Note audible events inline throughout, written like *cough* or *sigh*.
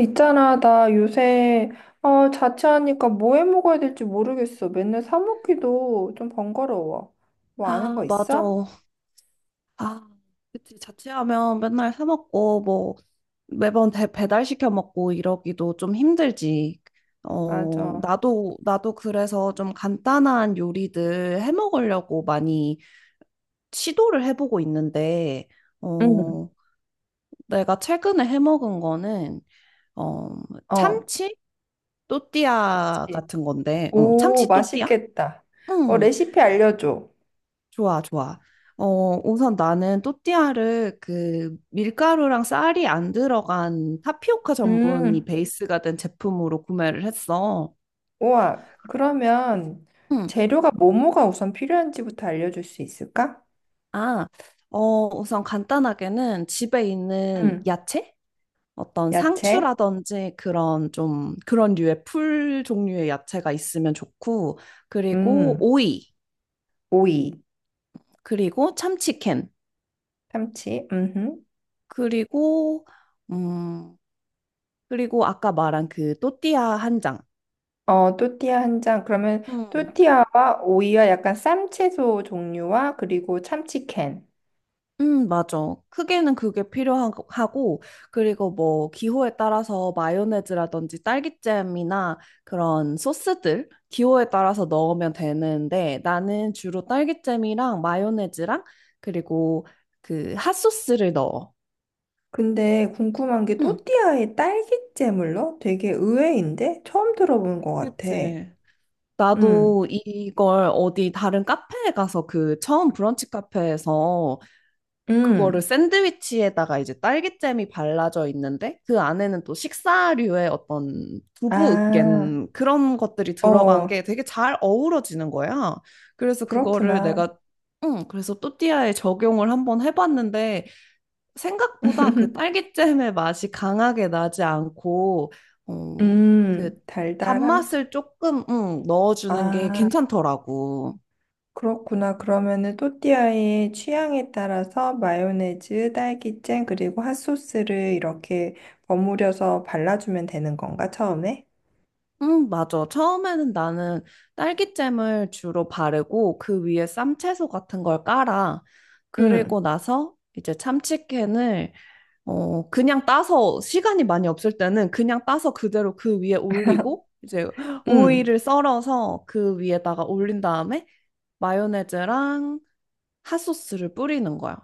있잖아, 나 요새 자취하니까 뭐 해 먹어야 될지 모르겠어. 맨날 사 먹기도 좀 번거로워. 뭐 아는 거 아, 맞아. 있어? 아, 그치. 자취하면 맨날 사 먹고, 뭐, 매번 배달시켜 먹고 이러기도 좀 힘들지. 맞아. 나도 그래서 좀 간단한 요리들 해 먹으려고 많이 시도를 해보고 있는데, 응. 어, 내가 최근에 해 먹은 거는, 어, 어. 참치 또띠아 그치. 같은 건데, 오, 참치 또띠아? 맛있겠다. 어, 응. 레시피 알려줘. 좋아, 좋아. 우선 나는 또띠아를 그 밀가루랑 쌀이 안 들어간 타피오카 전분이 음. 베이스가 된 제품으로 구매를 했어. 우와. 그러면 응, 재료가 뭐뭐가 우선 필요한지부터 알려줄 수 있을까? 아, 우선 간단하게는 집에 있는 응. 야채? 어떤 야채. 상추라든지 그런 좀 그런 류의 풀 종류의 야채가 있으면 좋고, 그리고 음. 오이, 오이. 그리고 참치캔, 참치. 음. 그리고, 음, 그리고 아까 말한 그 또띠아 한 장. 어, 또띠아 한 장. 그러면 또띠아와 오이와 약간 쌈채소 종류와 그리고 참치캔. 맞아. 크게는 그게 필요하고, 그리고 뭐, 기호에 따라서 마요네즈라든지 딸기잼이나 그런 소스들, 기호에 따라서 넣으면 되는데, 나는 주로 딸기잼이랑 마요네즈랑, 그리고 그 핫소스를 넣어. 근데 궁금한 게 응, 또띠아에 딸기잼을 넣어? 되게 의외인데? 처음 들어보는 것 같아. 그치. 음, 나도 이걸 어디 다른 카페에 가서 그 처음 브런치 카페에서 그거를 음. 샌드위치에다가 이제 딸기잼이 발라져 있는데 그 안에는 또 식사류의 어떤 두부 아, 으깬 그런 것들이 들어간 어, 게 되게 잘 어우러지는 거야. 그래서 그거를 그렇구나. 내가 응, 그래서 또띠아에 적용을 한번 해봤는데 생각보다 그 *laughs* 딸기잼의 맛이 강하게 나지 않고 어, 그 달달함. 단맛을 조금 응, 넣어주는 게 아. 괜찮더라고. 그렇구나. 그러면은 또띠아의 취향에 따라서 마요네즈, 딸기잼, 그리고 핫소스를 이렇게 버무려서 발라주면 되는 건가, 처음에? 응, 맞아. 처음에는 나는 딸기잼을 주로 바르고 그 위에 쌈채소 같은 걸 깔아. 응, 그리고 나서 이제 참치캔을 그냥 따서 시간이 많이 없을 때는 그냥 따서 그대로 그 위에 올리고 이제 응. 오이를 썰어서 그 위에다가 올린 다음에 마요네즈랑 핫소스를 뿌리는 거야.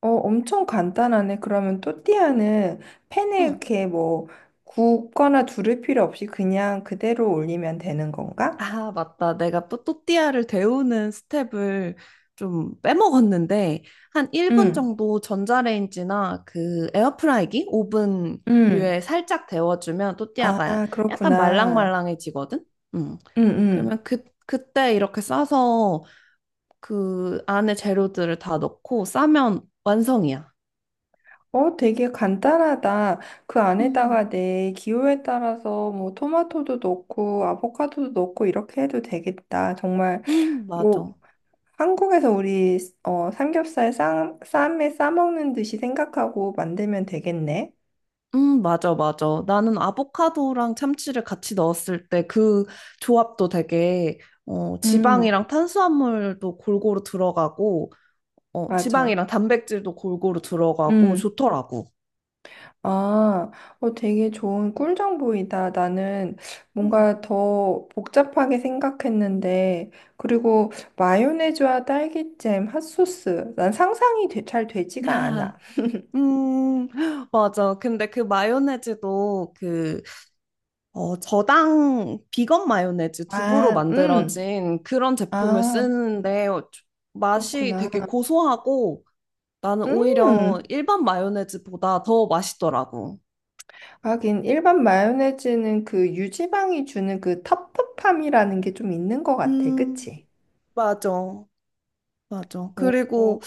어, 엄청 간단하네. 그러면 또띠아는 팬에 응. 이렇게 뭐 굽거나 두를 필요 없이 그냥 그대로 올리면 되는 건가? 아, 맞다. 내가 또 또띠아를 데우는 스텝을 좀 빼먹었는데, 한 1분 응, 정도 전자레인지나 그 에어프라이기, 응. 오븐류에 살짝 데워주면 또띠아가 아, 약간 그렇구나. 말랑말랑해지거든? 음. 응, 응. 그러면 그때 이렇게 싸서 그 안에 재료들을 다 넣고 싸면 완성이야. 어, 되게 간단하다. 그 음, 안에다가 내 기호에 따라서 뭐 토마토도 넣고 아보카도도 넣고 이렇게 해도 되겠다. 정말 뭐 맞아. 한국에서 우리 삼겹살 쌈에 싸먹는 듯이 생각하고 만들면 되겠네. 맞아, 맞아. 나는 아보카도랑 참치를 같이 넣었을 때 그 조합도 되게, 음, 지방이랑 탄수화물도 골고루 들어가고, 맞아. 지방이랑 단백질도 골고루 들어가고, 음. 좋더라고. 아, 어, 되게 좋은 꿀 정보이다. 나는 음. 뭔가 더 복잡하게 생각했는데, 그리고 마요네즈와 딸기잼, 핫소스. 난 잘 되지가 야, 않아. 음, 맞아. 근데 그 마요네즈도 저당 비건 마요네즈 두부로 아, 만들어진 그런 제품을 아, 쓰는데 맛이 그렇구나. 되게 고소하고 나는 오히려 음. 일반 마요네즈보다 더 맛있더라고. 하긴, 일반 마요네즈는 그 유지방이 주는 그 텁텁함이라는 게 좀 있는 것 같아. 음, 그치? 맞아. 맞아. 오, 그리고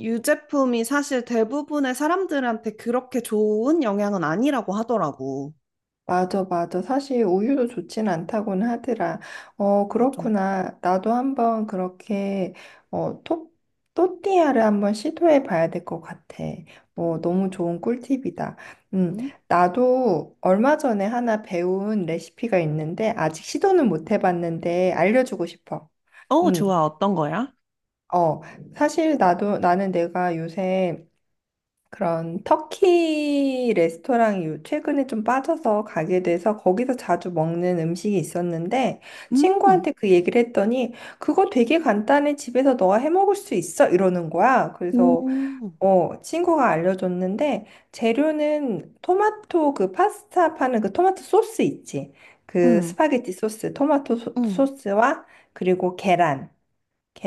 유제품이 사실 대부분의 사람들한테 그렇게 좋은 영향은 아니라고 하더라고. 맞아, 맞아. 사실 우유도 좋진 않다고는 하더라. 어, 맞아. 그렇구나. 나도 한번 그렇게, 어, 토, 또띠아를 한번 시도해 봐야 될 것 같아. 어, 너무 음, 좋은 꿀팁이다. 음, 응? 나도 얼마 전에 하나 배운 레시피가 있는데, 아직 시도는 못 해봤는데, 알려주고 싶어. 음, 좋아. 어떤 거야? 어, 나는 내가 요새 그런 터키 레스토랑이 최근에 좀 빠져서 가게 돼서 거기서 자주 먹는 음식이 있었는데 음, 친구한테 그 얘기를 했더니 그거 되게 간단해 집에서 너가 해 먹을 수 있어 이러는 거야. 그래서 오, 어 친구가 알려줬는데 재료는 토마토 그 파스타 파는 그 토마토 소스 있지. 그 응, 스파게티 소스, 토마토 음, 소스와 그리고 계란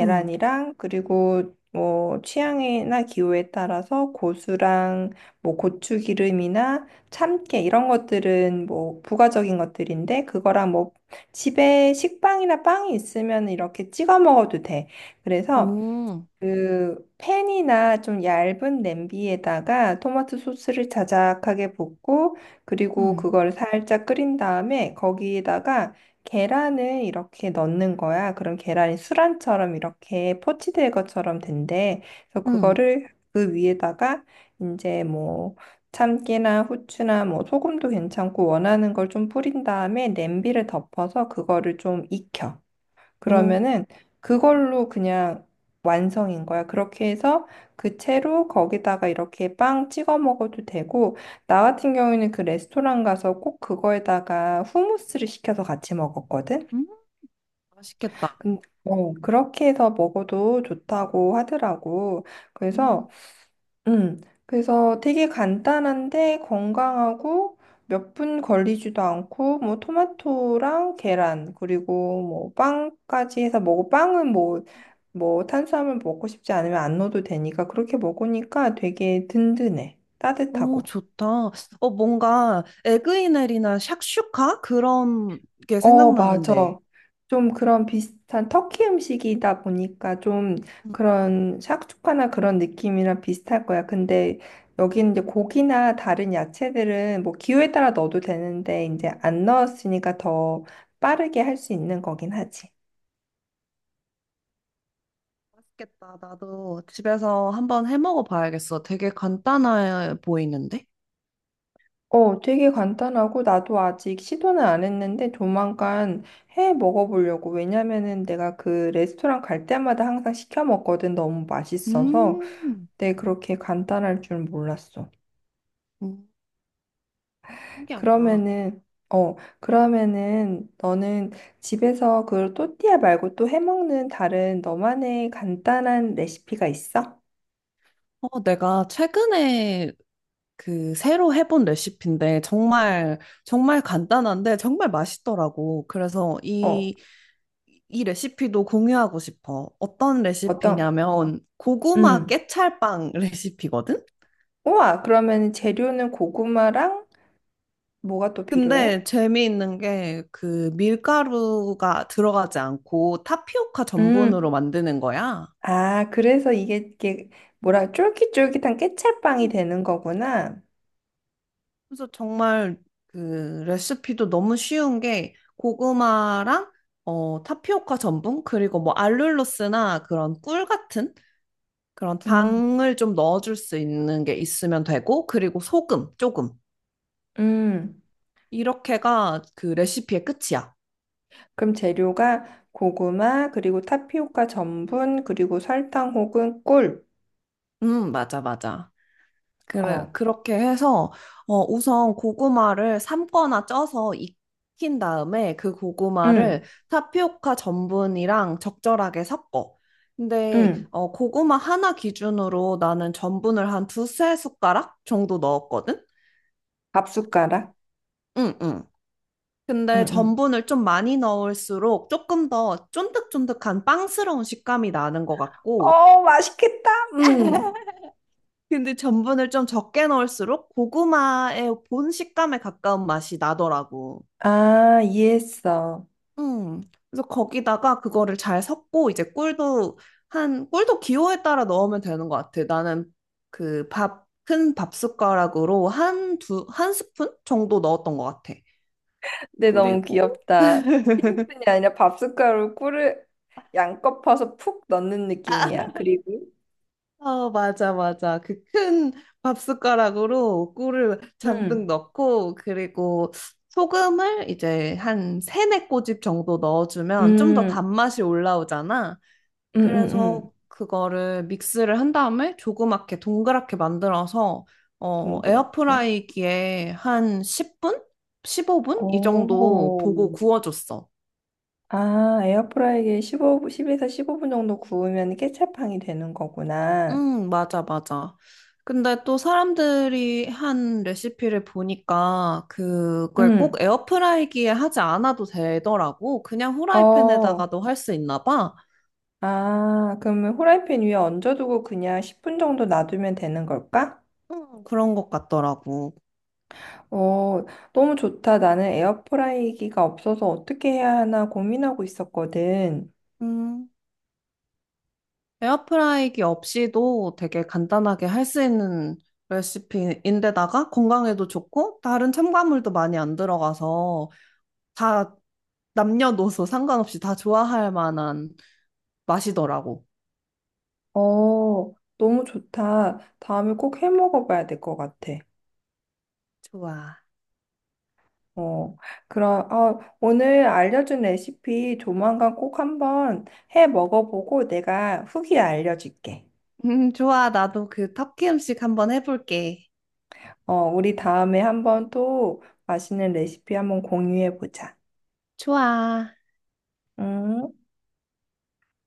응, 그리고 뭐 취향이나 기호에 따라서 고수랑 뭐 고추기름이나 참깨 이런 것들은 뭐 부가적인 것들인데 그거랑 뭐 집에 식빵이나 빵이 있으면 이렇게 찍어 먹어도 돼. 그래서 오, 그 팬이나 좀 얇은 냄비에다가 토마토 소스를 자작하게 붓고 그리고 응, 그걸 살짝 끓인 다음에 거기에다가 계란을 이렇게 넣는 거야. 그럼 계란이 수란처럼 이렇게 포치될 것처럼 된대. 그래서 음, 그거를 그 위에다가 이제 뭐 참깨나 후추나 뭐 소금도 괜찮고 원하는 걸 좀 뿌린 다음에 냄비를 덮어서 그거를 좀 익혀. 음, 그러면은 그걸로 그냥 완성인 거야. 그렇게 해서 그 채로 거기다가 이렇게 빵 찍어 먹어도 되고, 나 같은 경우에는 그 레스토랑 가서 꼭 그거에다가 후무스를 시켜서 같이 먹었거든. 응. 맛있겠다. 근 어, 그렇게 해서 먹어도 좋다고 하더라고. 그래서, 음. 그래서 되게 간단한데 건강하고 몇 분 걸리지도 않고, 뭐, 토마토랑 계란, 그리고 뭐, 빵까지 해서 먹고, 빵은 뭐, 뭐 탄수화물 먹고 싶지 않으면 안 넣어도 되니까 그렇게 먹으니까 되게 든든해. 오, 따뜻하고. 좋다. 뭔가 에그이넬이나 샥슈카 그런 게 어, 생각나는데. 맞아. 좀 그런 비슷한 터키 음식이다 보니까 좀 음. 그런 샥슈카나 그런 느낌이랑 비슷할 거야. 근데 여기는 이제 고기나 다른 야채들은 뭐 기호에 따라 넣어도 되는데 이제 음, 안 넣었으니까 더 빠르게 할 수 있는 거긴 하지. 맛있겠다. 나도 집에서 한번 해 먹어 봐야겠어. 되게 간단해 보이는데? 어, 되게 간단하고 나도 아직 시도는 안 했는데 조만간 해 먹어보려고. 왜냐면은 내가 그 레스토랑 갈 때마다 항상 시켜 먹거든. 너무 맛있어서. 음, 근데 그렇게 간단할 줄 몰랐어. 음. 신기하다. 그러면은 어, 그러면은 너는 집에서 그 또띠아 말고 또 해 먹는 다른 너만의 간단한 레시피가 있어? 내가 최근에 그 새로 해본 레시피인데 정말 정말 간단한데 정말 맛있더라고. 그래서 어, 이 레시피도 공유하고 싶어. 어떤 어떤? 레시피냐면 고구마 음. 깨찰빵 *laughs* 레시피거든? 우와, 그러면 재료는 고구마랑 뭐가 또 필요해? 근데 재미있는 게 그 밀가루가 들어가지 않고 타피오카 전분으로 음. 만드는 거야. 아, 그래서 이게, 이게 뭐라 쫄깃쫄깃한 깨찰빵이 음. 되는 거구나. 그래서 정말 그 레시피도 너무 쉬운 게 고구마랑 타피오카 전분 그리고 뭐 알룰로스나 그런 꿀 같은 그런 음. 당을 좀 넣어줄 수 있는 게 있으면 되고 그리고 소금 조금 음. 이렇게가 그 레시피의 끝이야. 그럼 재료가 고구마, 그리고 타피오카 전분, 그리고 설탕 혹은 꿀. 맞아, 맞아. 그래, 어. 그렇게 해서, 우선 고구마를 삶거나 쪄서 익힌 다음에 그 고구마를 음. 타피오카 전분이랑 적절하게 섞어. 근데, 음. 고구마 하나 기준으로 나는 전분을 한 두 세 숟가락 정도 넣었거든? 밥 숟가락. 응, 응. 음, 근데 음. 전분을 좀 많이 넣을수록 조금 더 쫀득쫀득한 빵스러운 식감이 나는 것 같고, 어, 맛있겠다. 음. 근데 전분을 좀 적게 넣을수록 고구마의 본 식감에 가까운 맛이 나더라고. 아, 이해했어. 음. 그래서 거기다가 그거를 잘 섞고 이제 꿀도 기호에 따라 넣으면 되는 것 같아. 나는 그 큰 밥 숟가락으로 한 한 스푼 정도 넣었던 것 같아. 근데 너무 그리고 귀엽다. 티스푼이 아니라 밥 숟가락으로 꿀을 양껏 퍼서 푹 넣는 느낌이야. 그리고 맞아, 맞아. 그 큰 밥숟가락으로 꿀을 잔뜩 음. 넣고, 그리고 소금을 이제 한 세네 꼬집 정도 넣어주면 좀 더 음. 단맛이 올라오잖아. 음, 음, 그래서 음. 그거를 믹스를 한 다음에 조그맣게 동그랗게 만들어서, 동그랗게. 에어프라이기에 한 10분? 15분? 이 정도 오. 보고 구워줬어. 아, 에어프라이기에 15, 10에서 15분 정도 구우면 케첩향이 되는 거구나. 응, 맞아, 맞아. 근데 또 사람들이 한 레시피를 보니까 그걸 꼭 응. 에어프라이기에 하지 않아도 되더라고. 그냥 어. 후라이팬에다가도 할 수 있나 봐. 아, 그러면 후라이팬 위에 얹어두고 그냥 10분 정도 놔두면 되는 걸까? 응, 그런 것 같더라고. 어, 너무 좋다. 나는 에어프라이기가 없어서 어떻게 해야 하나 고민하고 있었거든. 음, 에어프라이기 없이도 되게 간단하게 할 수 있는 레시피인데다가 건강에도 좋고 다른 첨가물도 많이 안 들어가서 다 남녀노소 상관없이 다 좋아할 만한 맛이더라고. 어, 너무 좋다. 다음에 꼭 해 먹어봐야 될 것 같아. 좋아. 어, 그럼, 어, 오늘 알려준 레시피 조만간 꼭 한번 해 먹어보고 내가 후기 알려줄게. 좋아. 나도 그 터키 음식 한번 해볼게. 어, 우리 다음에 한번 또 맛있는 레시피 한번 공유해보자. 좋아. 응?